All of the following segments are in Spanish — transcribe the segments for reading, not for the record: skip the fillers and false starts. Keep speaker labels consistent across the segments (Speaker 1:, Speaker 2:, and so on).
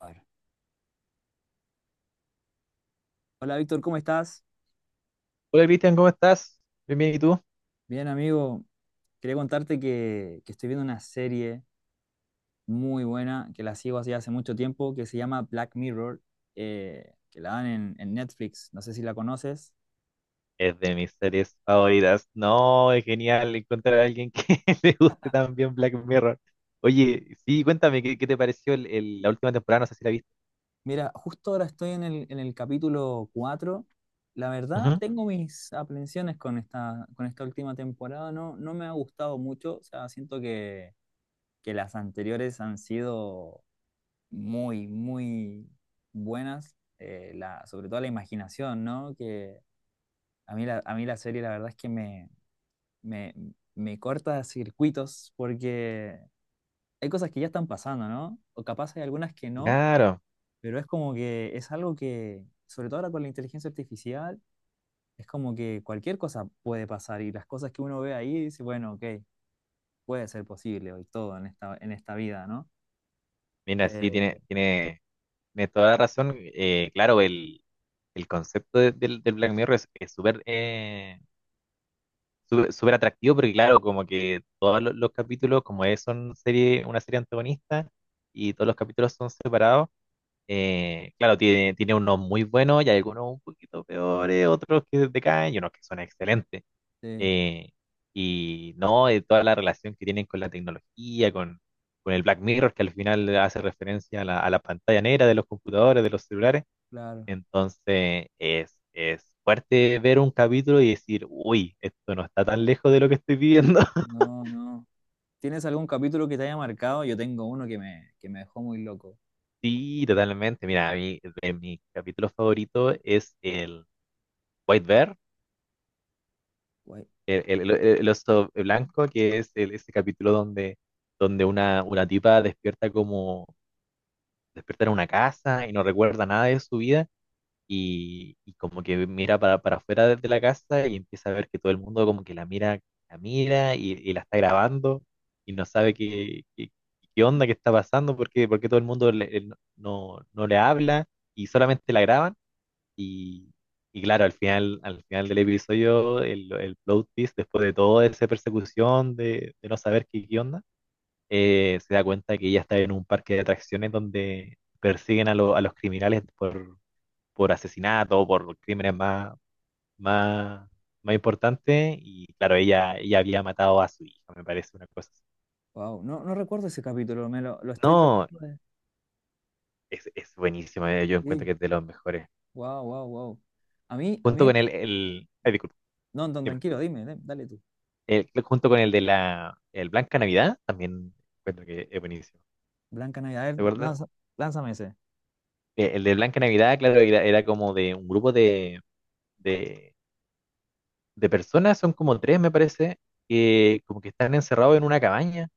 Speaker 1: Bueno. Hola Víctor, ¿cómo estás?
Speaker 2: Hola Cristian, ¿cómo estás? Bien, bien, ¿y tú?
Speaker 1: Bien, amigo. Quería contarte que estoy viendo una serie muy buena que la sigo así hace mucho tiempo que se llama Black Mirror, que la dan en Netflix. No sé si la conoces.
Speaker 2: Es de mis series favoritas. No, es genial encontrar a alguien que le guste también Black Mirror. Oye, sí, cuéntame, ¿qué te pareció la última temporada? No sé si la viste.
Speaker 1: Mira, justo ahora estoy en el capítulo 4. La verdad,
Speaker 2: Ujú.
Speaker 1: tengo mis aprensiones con esta última temporada. No, no me ha gustado mucho. O sea, siento que las anteriores han sido muy, muy buenas, sobre todo la imaginación, ¿no? Que a mí la serie la verdad es que me, me corta circuitos porque hay cosas que ya están pasando, ¿no? O capaz hay algunas que no,
Speaker 2: Claro,
Speaker 1: pero es como que es algo que, sobre todo ahora con la inteligencia artificial, es como que cualquier cosa puede pasar y las cosas que uno ve ahí dice, bueno, ok, puede ser posible hoy todo en esta vida, ¿no?
Speaker 2: mira, sí,
Speaker 1: Eh,
Speaker 2: tiene toda la razón. Claro, el concepto del del Black Mirror es súper súper atractivo, porque claro, como que todos los capítulos, como es una serie antagonista, y todos los capítulos son separados. Claro, tiene unos muy buenos y hay algunos un poquito peores, otros que decaen y unos que son excelentes.
Speaker 1: sí,
Speaker 2: Eh, y no, Toda la relación que tienen con la tecnología, con el Black Mirror, que al final hace referencia a a la pantalla negra de los computadores, de los celulares.
Speaker 1: claro.
Speaker 2: Entonces es fuerte ver un capítulo y decir, uy, esto no está tan lejos de lo que estoy viviendo.
Speaker 1: No, no. ¿Tienes algún capítulo que te haya marcado? Yo tengo uno que me dejó muy loco.
Speaker 2: Sí, totalmente. Mira, a mí, de mi capítulo favorito es el White Bear,
Speaker 1: Guay,
Speaker 2: el, el oso blanco, que es ese capítulo donde, donde una tipa despierta en una casa y no recuerda nada de su vida y como que mira para afuera de la casa y empieza a ver que todo el mundo como que la mira y la está grabando y no sabe qué onda, qué está pasando, porque todo el mundo no, no le habla y
Speaker 1: wow,
Speaker 2: solamente la graban. Y, y claro, al final del episodio, el plot twist, después de toda esa persecución de no saber qué onda, se da cuenta que ella está en un parque de atracciones donde persiguen a, a los criminales por asesinato, por crímenes más, más importantes. Y claro, ella había matado a su hija, me parece una cosa así.
Speaker 1: wow. No, no recuerdo ese capítulo, me lo estoy
Speaker 2: No,
Speaker 1: tratando de.
Speaker 2: es buenísimo, yo encuentro
Speaker 1: Sí,
Speaker 2: que es de los mejores.
Speaker 1: wow, wow, wow. A mí
Speaker 2: Junto
Speaker 1: el
Speaker 2: con
Speaker 1: que.
Speaker 2: ay, disculpa,
Speaker 1: No, no,
Speaker 2: dime.
Speaker 1: tranquilo, dime, dale tú.
Speaker 2: Junto con el de la el Blanca Navidad, también encuentro que es buenísimo.
Speaker 1: Blanca Navidad, a ver,
Speaker 2: ¿Te acuerdas?
Speaker 1: lánzame ese.
Speaker 2: El de Blanca Navidad, claro, era como de un grupo de, de personas, son como tres, me parece, que como que están encerrados en una cabaña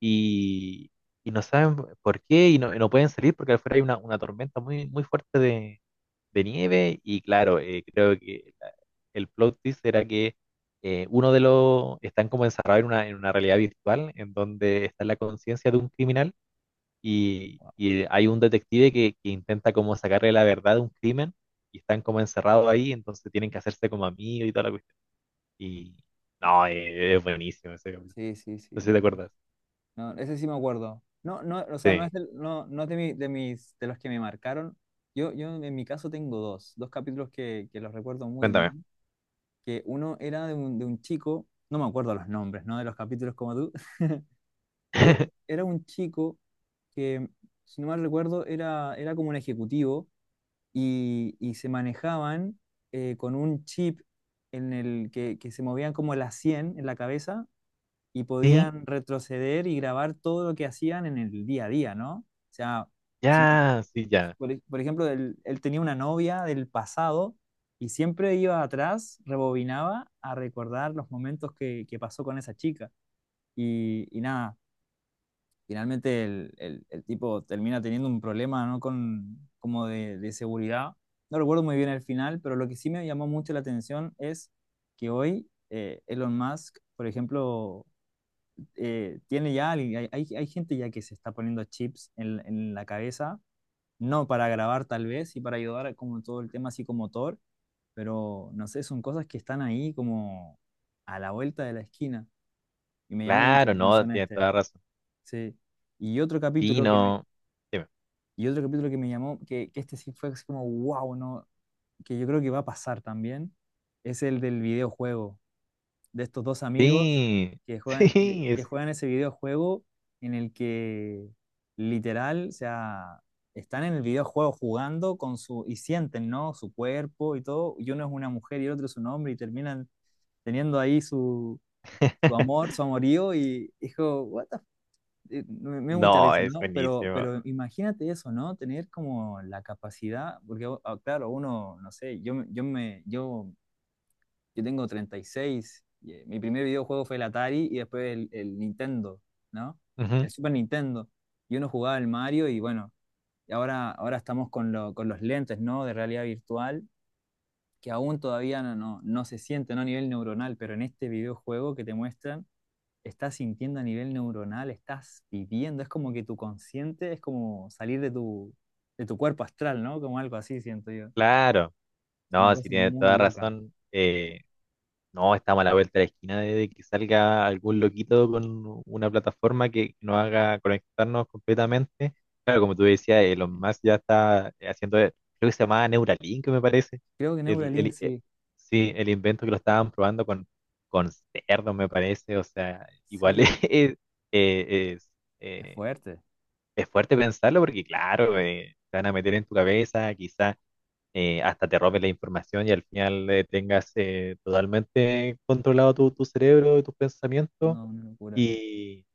Speaker 2: y, y no saben por qué y no pueden salir porque afuera hay una tormenta muy fuerte de nieve y claro, creo que el plot twist era que uno de los están como encerrados en en una realidad virtual en donde está la conciencia de un criminal y hay un detective que intenta como sacarle la verdad de un crimen y están como encerrados ahí, entonces tienen que hacerse como amigos y toda la cuestión. Y no, es buenísimo ese capítulo.
Speaker 1: Sí, sí, sí,
Speaker 2: No sé si te
Speaker 1: no.
Speaker 2: acuerdas.
Speaker 1: No, ese sí me acuerdo. No, no, o sea,
Speaker 2: Sí,
Speaker 1: no es de, de mis, de los que me marcaron. Yo en mi caso tengo dos capítulos que los recuerdo muy
Speaker 2: cuéntame.
Speaker 1: bien, que uno era de un chico, no me acuerdo los nombres, ¿no? De los capítulos como tú. Pero era un chico que, si no mal recuerdo, era como un ejecutivo y se manejaban con un chip en el que se movían como las 100 en la cabeza y
Speaker 2: Sí,
Speaker 1: podían retroceder y grabar todo lo que hacían en el día a día, ¿no? O sea, si me-
Speaker 2: ya, sí, ya.
Speaker 1: por ejemplo, él tenía una novia del pasado y siempre iba atrás, rebobinaba a recordar los momentos que pasó con esa chica. Y nada, finalmente el tipo termina teniendo un problema, ¿no? Con, como de seguridad. No recuerdo muy bien el final, pero lo que sí me llamó mucho la atención es que hoy Elon Musk, por ejemplo, hay gente ya que se está poniendo chips en la cabeza, no para grabar tal vez y para ayudar a como todo el tema psicomotor, pero no sé, son cosas que están ahí como a la vuelta de la esquina y me llamó mucho la
Speaker 2: Claro, no,
Speaker 1: atención
Speaker 2: tienes
Speaker 1: este.
Speaker 2: toda la razón.
Speaker 1: Sí. Y otro
Speaker 2: Sí,
Speaker 1: capítulo que me,
Speaker 2: no. Dime.
Speaker 1: Y otro capítulo que me llamó, que este sí fue así como, wow, no, que yo creo que va a pasar también, es el del videojuego, de estos dos amigos
Speaker 2: Sí,
Speaker 1: que juegan, que,
Speaker 2: sí,
Speaker 1: que
Speaker 2: es...
Speaker 1: juegan ese videojuego en el que literal, o sea, están en el videojuego jugando y sienten, ¿no? Su cuerpo y todo, y uno es una mujer y el otro es un hombre y terminan teniendo ahí su amor, su amorío y dijo, what the me da mucha
Speaker 2: No,
Speaker 1: risa,
Speaker 2: es
Speaker 1: ¿no? Pero,
Speaker 2: buenísimo.
Speaker 1: pero imagínate eso, ¿no? Tener como la capacidad, porque ah, claro, uno, no sé, yo tengo 36, y, seis, y, mi primer videojuego fue el Atari y después el Nintendo, ¿no?
Speaker 2: Ujú.
Speaker 1: El Super Nintendo. Y uno jugaba el Mario y bueno, y ahora estamos con los lentes, ¿no? De realidad virtual, que aún todavía no se siente, ¿no? A nivel neuronal, pero en este videojuego que te muestran estás sintiendo a nivel neuronal, estás viviendo, es como que tu consciente es como salir de tu cuerpo astral, ¿no? Como algo así, siento yo.
Speaker 2: Claro,
Speaker 1: Una
Speaker 2: no, sí
Speaker 1: cosa
Speaker 2: tiene
Speaker 1: muy
Speaker 2: toda
Speaker 1: loca.
Speaker 2: razón. No, estamos a la vuelta de la esquina de que salga algún loquito con una plataforma que nos haga conectarnos completamente. Claro, como tú decías, Elon Musk ya está haciendo, creo que se llamaba Neuralink, me parece.
Speaker 1: Creo que
Speaker 2: El,
Speaker 1: Neuralink,
Speaker 2: el- eh,
Speaker 1: sí,
Speaker 2: sí, el invento que lo estaban probando con cerdos, me parece. O sea, igual
Speaker 1: sí,
Speaker 2: eh, es,
Speaker 1: es
Speaker 2: eh,
Speaker 1: fuerte,
Speaker 2: es fuerte pensarlo porque, claro, te van a meter en tu cabeza, quizás hasta te roben la información y al final tengas totalmente controlado tu cerebro y tus pensamientos.
Speaker 1: no, una locura.
Speaker 2: Y,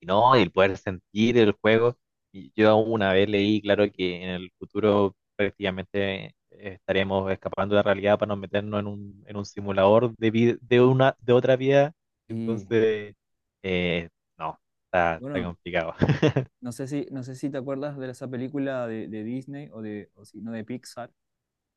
Speaker 2: y no, y el poder sentir el juego. Y yo una vez leí, claro, que en el futuro prácticamente estaremos escapando de la realidad para no meternos en un simulador de, vi- de, una, de otra vida.
Speaker 1: Y
Speaker 2: Entonces, eh, no, está
Speaker 1: bueno,
Speaker 2: complicado.
Speaker 1: no sé si te acuerdas de esa película de Disney o o si no, de Pixar,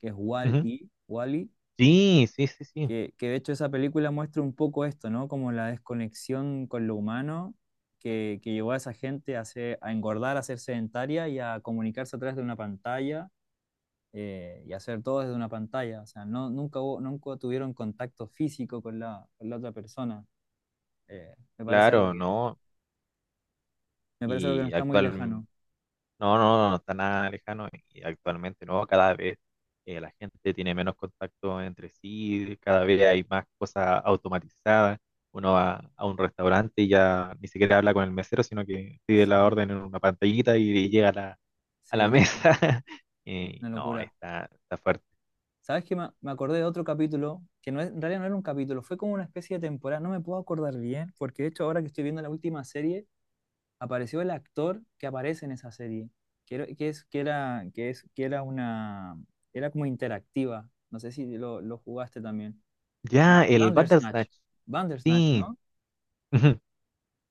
Speaker 1: que es
Speaker 2: Ujú.
Speaker 1: Wall-E, wall
Speaker 2: Sí, sí, sí, sí.
Speaker 1: que de hecho esa película muestra un poco esto, ¿no? Como la desconexión con lo humano que llevó a esa gente a engordar, a ser sedentaria y a comunicarse a través de una pantalla, y hacer todo desde una pantalla. O sea, no, nunca tuvieron contacto físico con la otra persona. Eh, me parece algo
Speaker 2: Claro,
Speaker 1: que,
Speaker 2: ¿no?
Speaker 1: Me parece algo que no
Speaker 2: Y
Speaker 1: está muy
Speaker 2: actual,
Speaker 1: lejano.
Speaker 2: no, no, no está nada lejano. Y actualmente, ¿no? Cada vez la gente tiene menos contacto entre sí, cada vez hay más cosas automatizadas. Uno va a un restaurante y ya ni siquiera habla con el mesero, sino que pide la
Speaker 1: Sí,
Speaker 2: orden en una pantallita y llega a a la
Speaker 1: sí, sí,
Speaker 2: mesa.
Speaker 1: una
Speaker 2: Y no,
Speaker 1: locura.
Speaker 2: está fuerte.
Speaker 1: ¿Sabes qué? Me acordé de otro capítulo, que en realidad no era un capítulo, fue como una especie de temporada, no me puedo acordar bien, porque de hecho ahora que estoy viendo la última serie, apareció el actor que aparece en esa serie, que era, que es, que era, que es, que era una, era como interactiva, no sé si lo jugaste también. Ba-
Speaker 2: Ya, el
Speaker 1: Bandersnatch,
Speaker 2: Bandersnatch,
Speaker 1: Bandersnatch,
Speaker 2: sí.
Speaker 1: ¿no?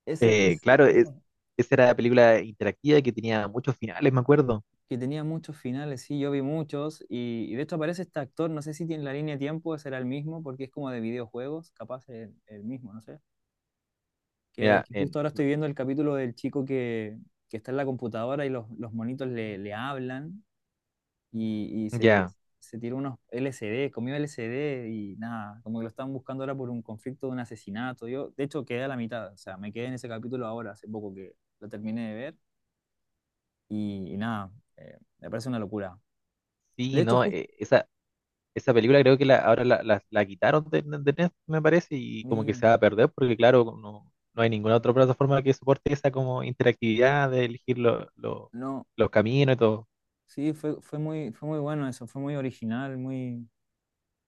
Speaker 1: Ese, ese,
Speaker 2: Claro,
Speaker 1: ese,
Speaker 2: esa era la película interactiva que tenía muchos finales, me acuerdo.
Speaker 1: que tenía muchos finales, sí, yo vi muchos, y de hecho aparece este actor, no sé si tiene la línea de tiempo, será el mismo, porque es como de videojuegos, capaz el mismo, no sé. que,
Speaker 2: Mira,
Speaker 1: que
Speaker 2: en,
Speaker 1: justo ahora estoy viendo el capítulo del chico que está en la computadora y los monitos le hablan y se,
Speaker 2: ya,
Speaker 1: se tira unos LSD comió LSD y nada, como que lo están buscando ahora por un conflicto de un asesinato. Yo, de hecho, quedé a la mitad, o sea, me quedé en ese capítulo ahora, hace poco que lo terminé de ver y nada, me parece una locura. De
Speaker 2: sí,
Speaker 1: hecho,
Speaker 2: no,
Speaker 1: justo,
Speaker 2: esa, esa película creo que la, ahora la, la, la quitaron de Netflix, me parece, y como que
Speaker 1: mira,
Speaker 2: se va a perder, porque claro, no, no hay ninguna otra plataforma que soporte esa como interactividad de elegir
Speaker 1: no,
Speaker 2: los caminos y todo.
Speaker 1: sí, fue muy bueno eso, fue muy original, muy.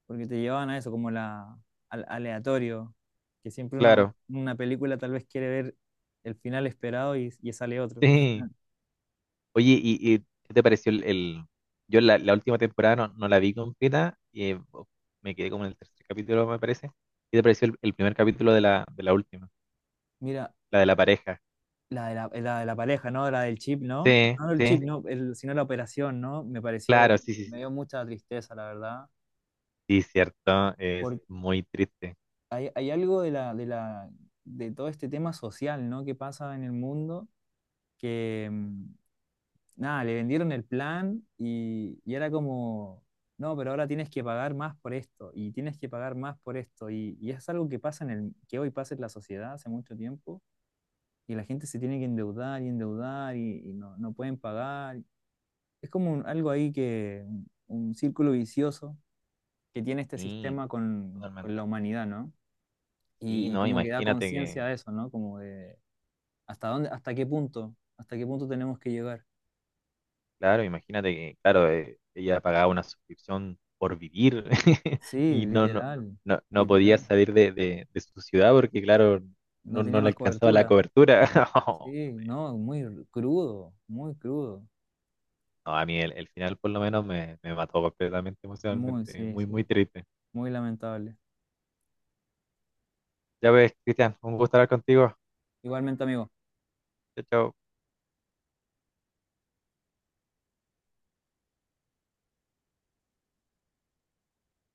Speaker 1: Porque te llevaban a eso, como al aleatorio, que siempre
Speaker 2: Claro,
Speaker 1: una película tal vez quiere ver el final esperado y sale otro.
Speaker 2: sí. Oye, ¿y qué te pareció yo la última temporada no, no la vi completa, y me quedé como en el tercer capítulo, me parece. ¿Qué te pareció el primer capítulo de de la última?
Speaker 1: Mira,
Speaker 2: La de la pareja.
Speaker 1: la de la pareja, ¿no? La del chip, ¿no?
Speaker 2: Sí,
Speaker 1: No el chip,
Speaker 2: sí,
Speaker 1: no, sino la operación, ¿no? Me pareció,
Speaker 2: claro, sí, sí,
Speaker 1: me
Speaker 2: sí.
Speaker 1: dio mucha tristeza, la verdad,
Speaker 2: Sí, cierto, es
Speaker 1: porque
Speaker 2: muy triste.
Speaker 1: hay algo de todo este tema social, ¿no? Que pasa en el mundo que nada, le vendieron el plan y era como, no, pero ahora tienes que pagar más por esto y tienes que pagar más por esto. Y es algo que pasa que hoy pasa en la sociedad hace mucho tiempo y la gente se tiene que endeudar y endeudar y no pueden pagar. Es como algo ahí un círculo vicioso que tiene este
Speaker 2: Sí,
Speaker 1: sistema con,
Speaker 2: totalmente.
Speaker 1: con la humanidad, ¿no?
Speaker 2: Sí,
Speaker 1: Y
Speaker 2: no,
Speaker 1: como que da conciencia de eso, ¿no? Como de hasta dónde, hasta qué punto tenemos que llegar.
Speaker 2: imagínate que, claro, ella pagaba una suscripción por vivir.
Speaker 1: Sí,
Speaker 2: Y no, no,
Speaker 1: literal,
Speaker 2: no, no podía
Speaker 1: literal.
Speaker 2: salir de su ciudad porque, claro,
Speaker 1: No
Speaker 2: no, no
Speaker 1: tenía
Speaker 2: le
Speaker 1: más
Speaker 2: alcanzaba la
Speaker 1: cobertura.
Speaker 2: cobertura.
Speaker 1: Sí, no, muy crudo, muy crudo.
Speaker 2: No, a mí el final por lo menos me mató completamente
Speaker 1: Muy,
Speaker 2: emocionalmente.
Speaker 1: sí,
Speaker 2: Muy, muy
Speaker 1: sí,
Speaker 2: triste.
Speaker 1: muy lamentable.
Speaker 2: Ya ves, Cristian, un gusto hablar contigo.
Speaker 1: Igualmente, amigo.
Speaker 2: Chao, chao.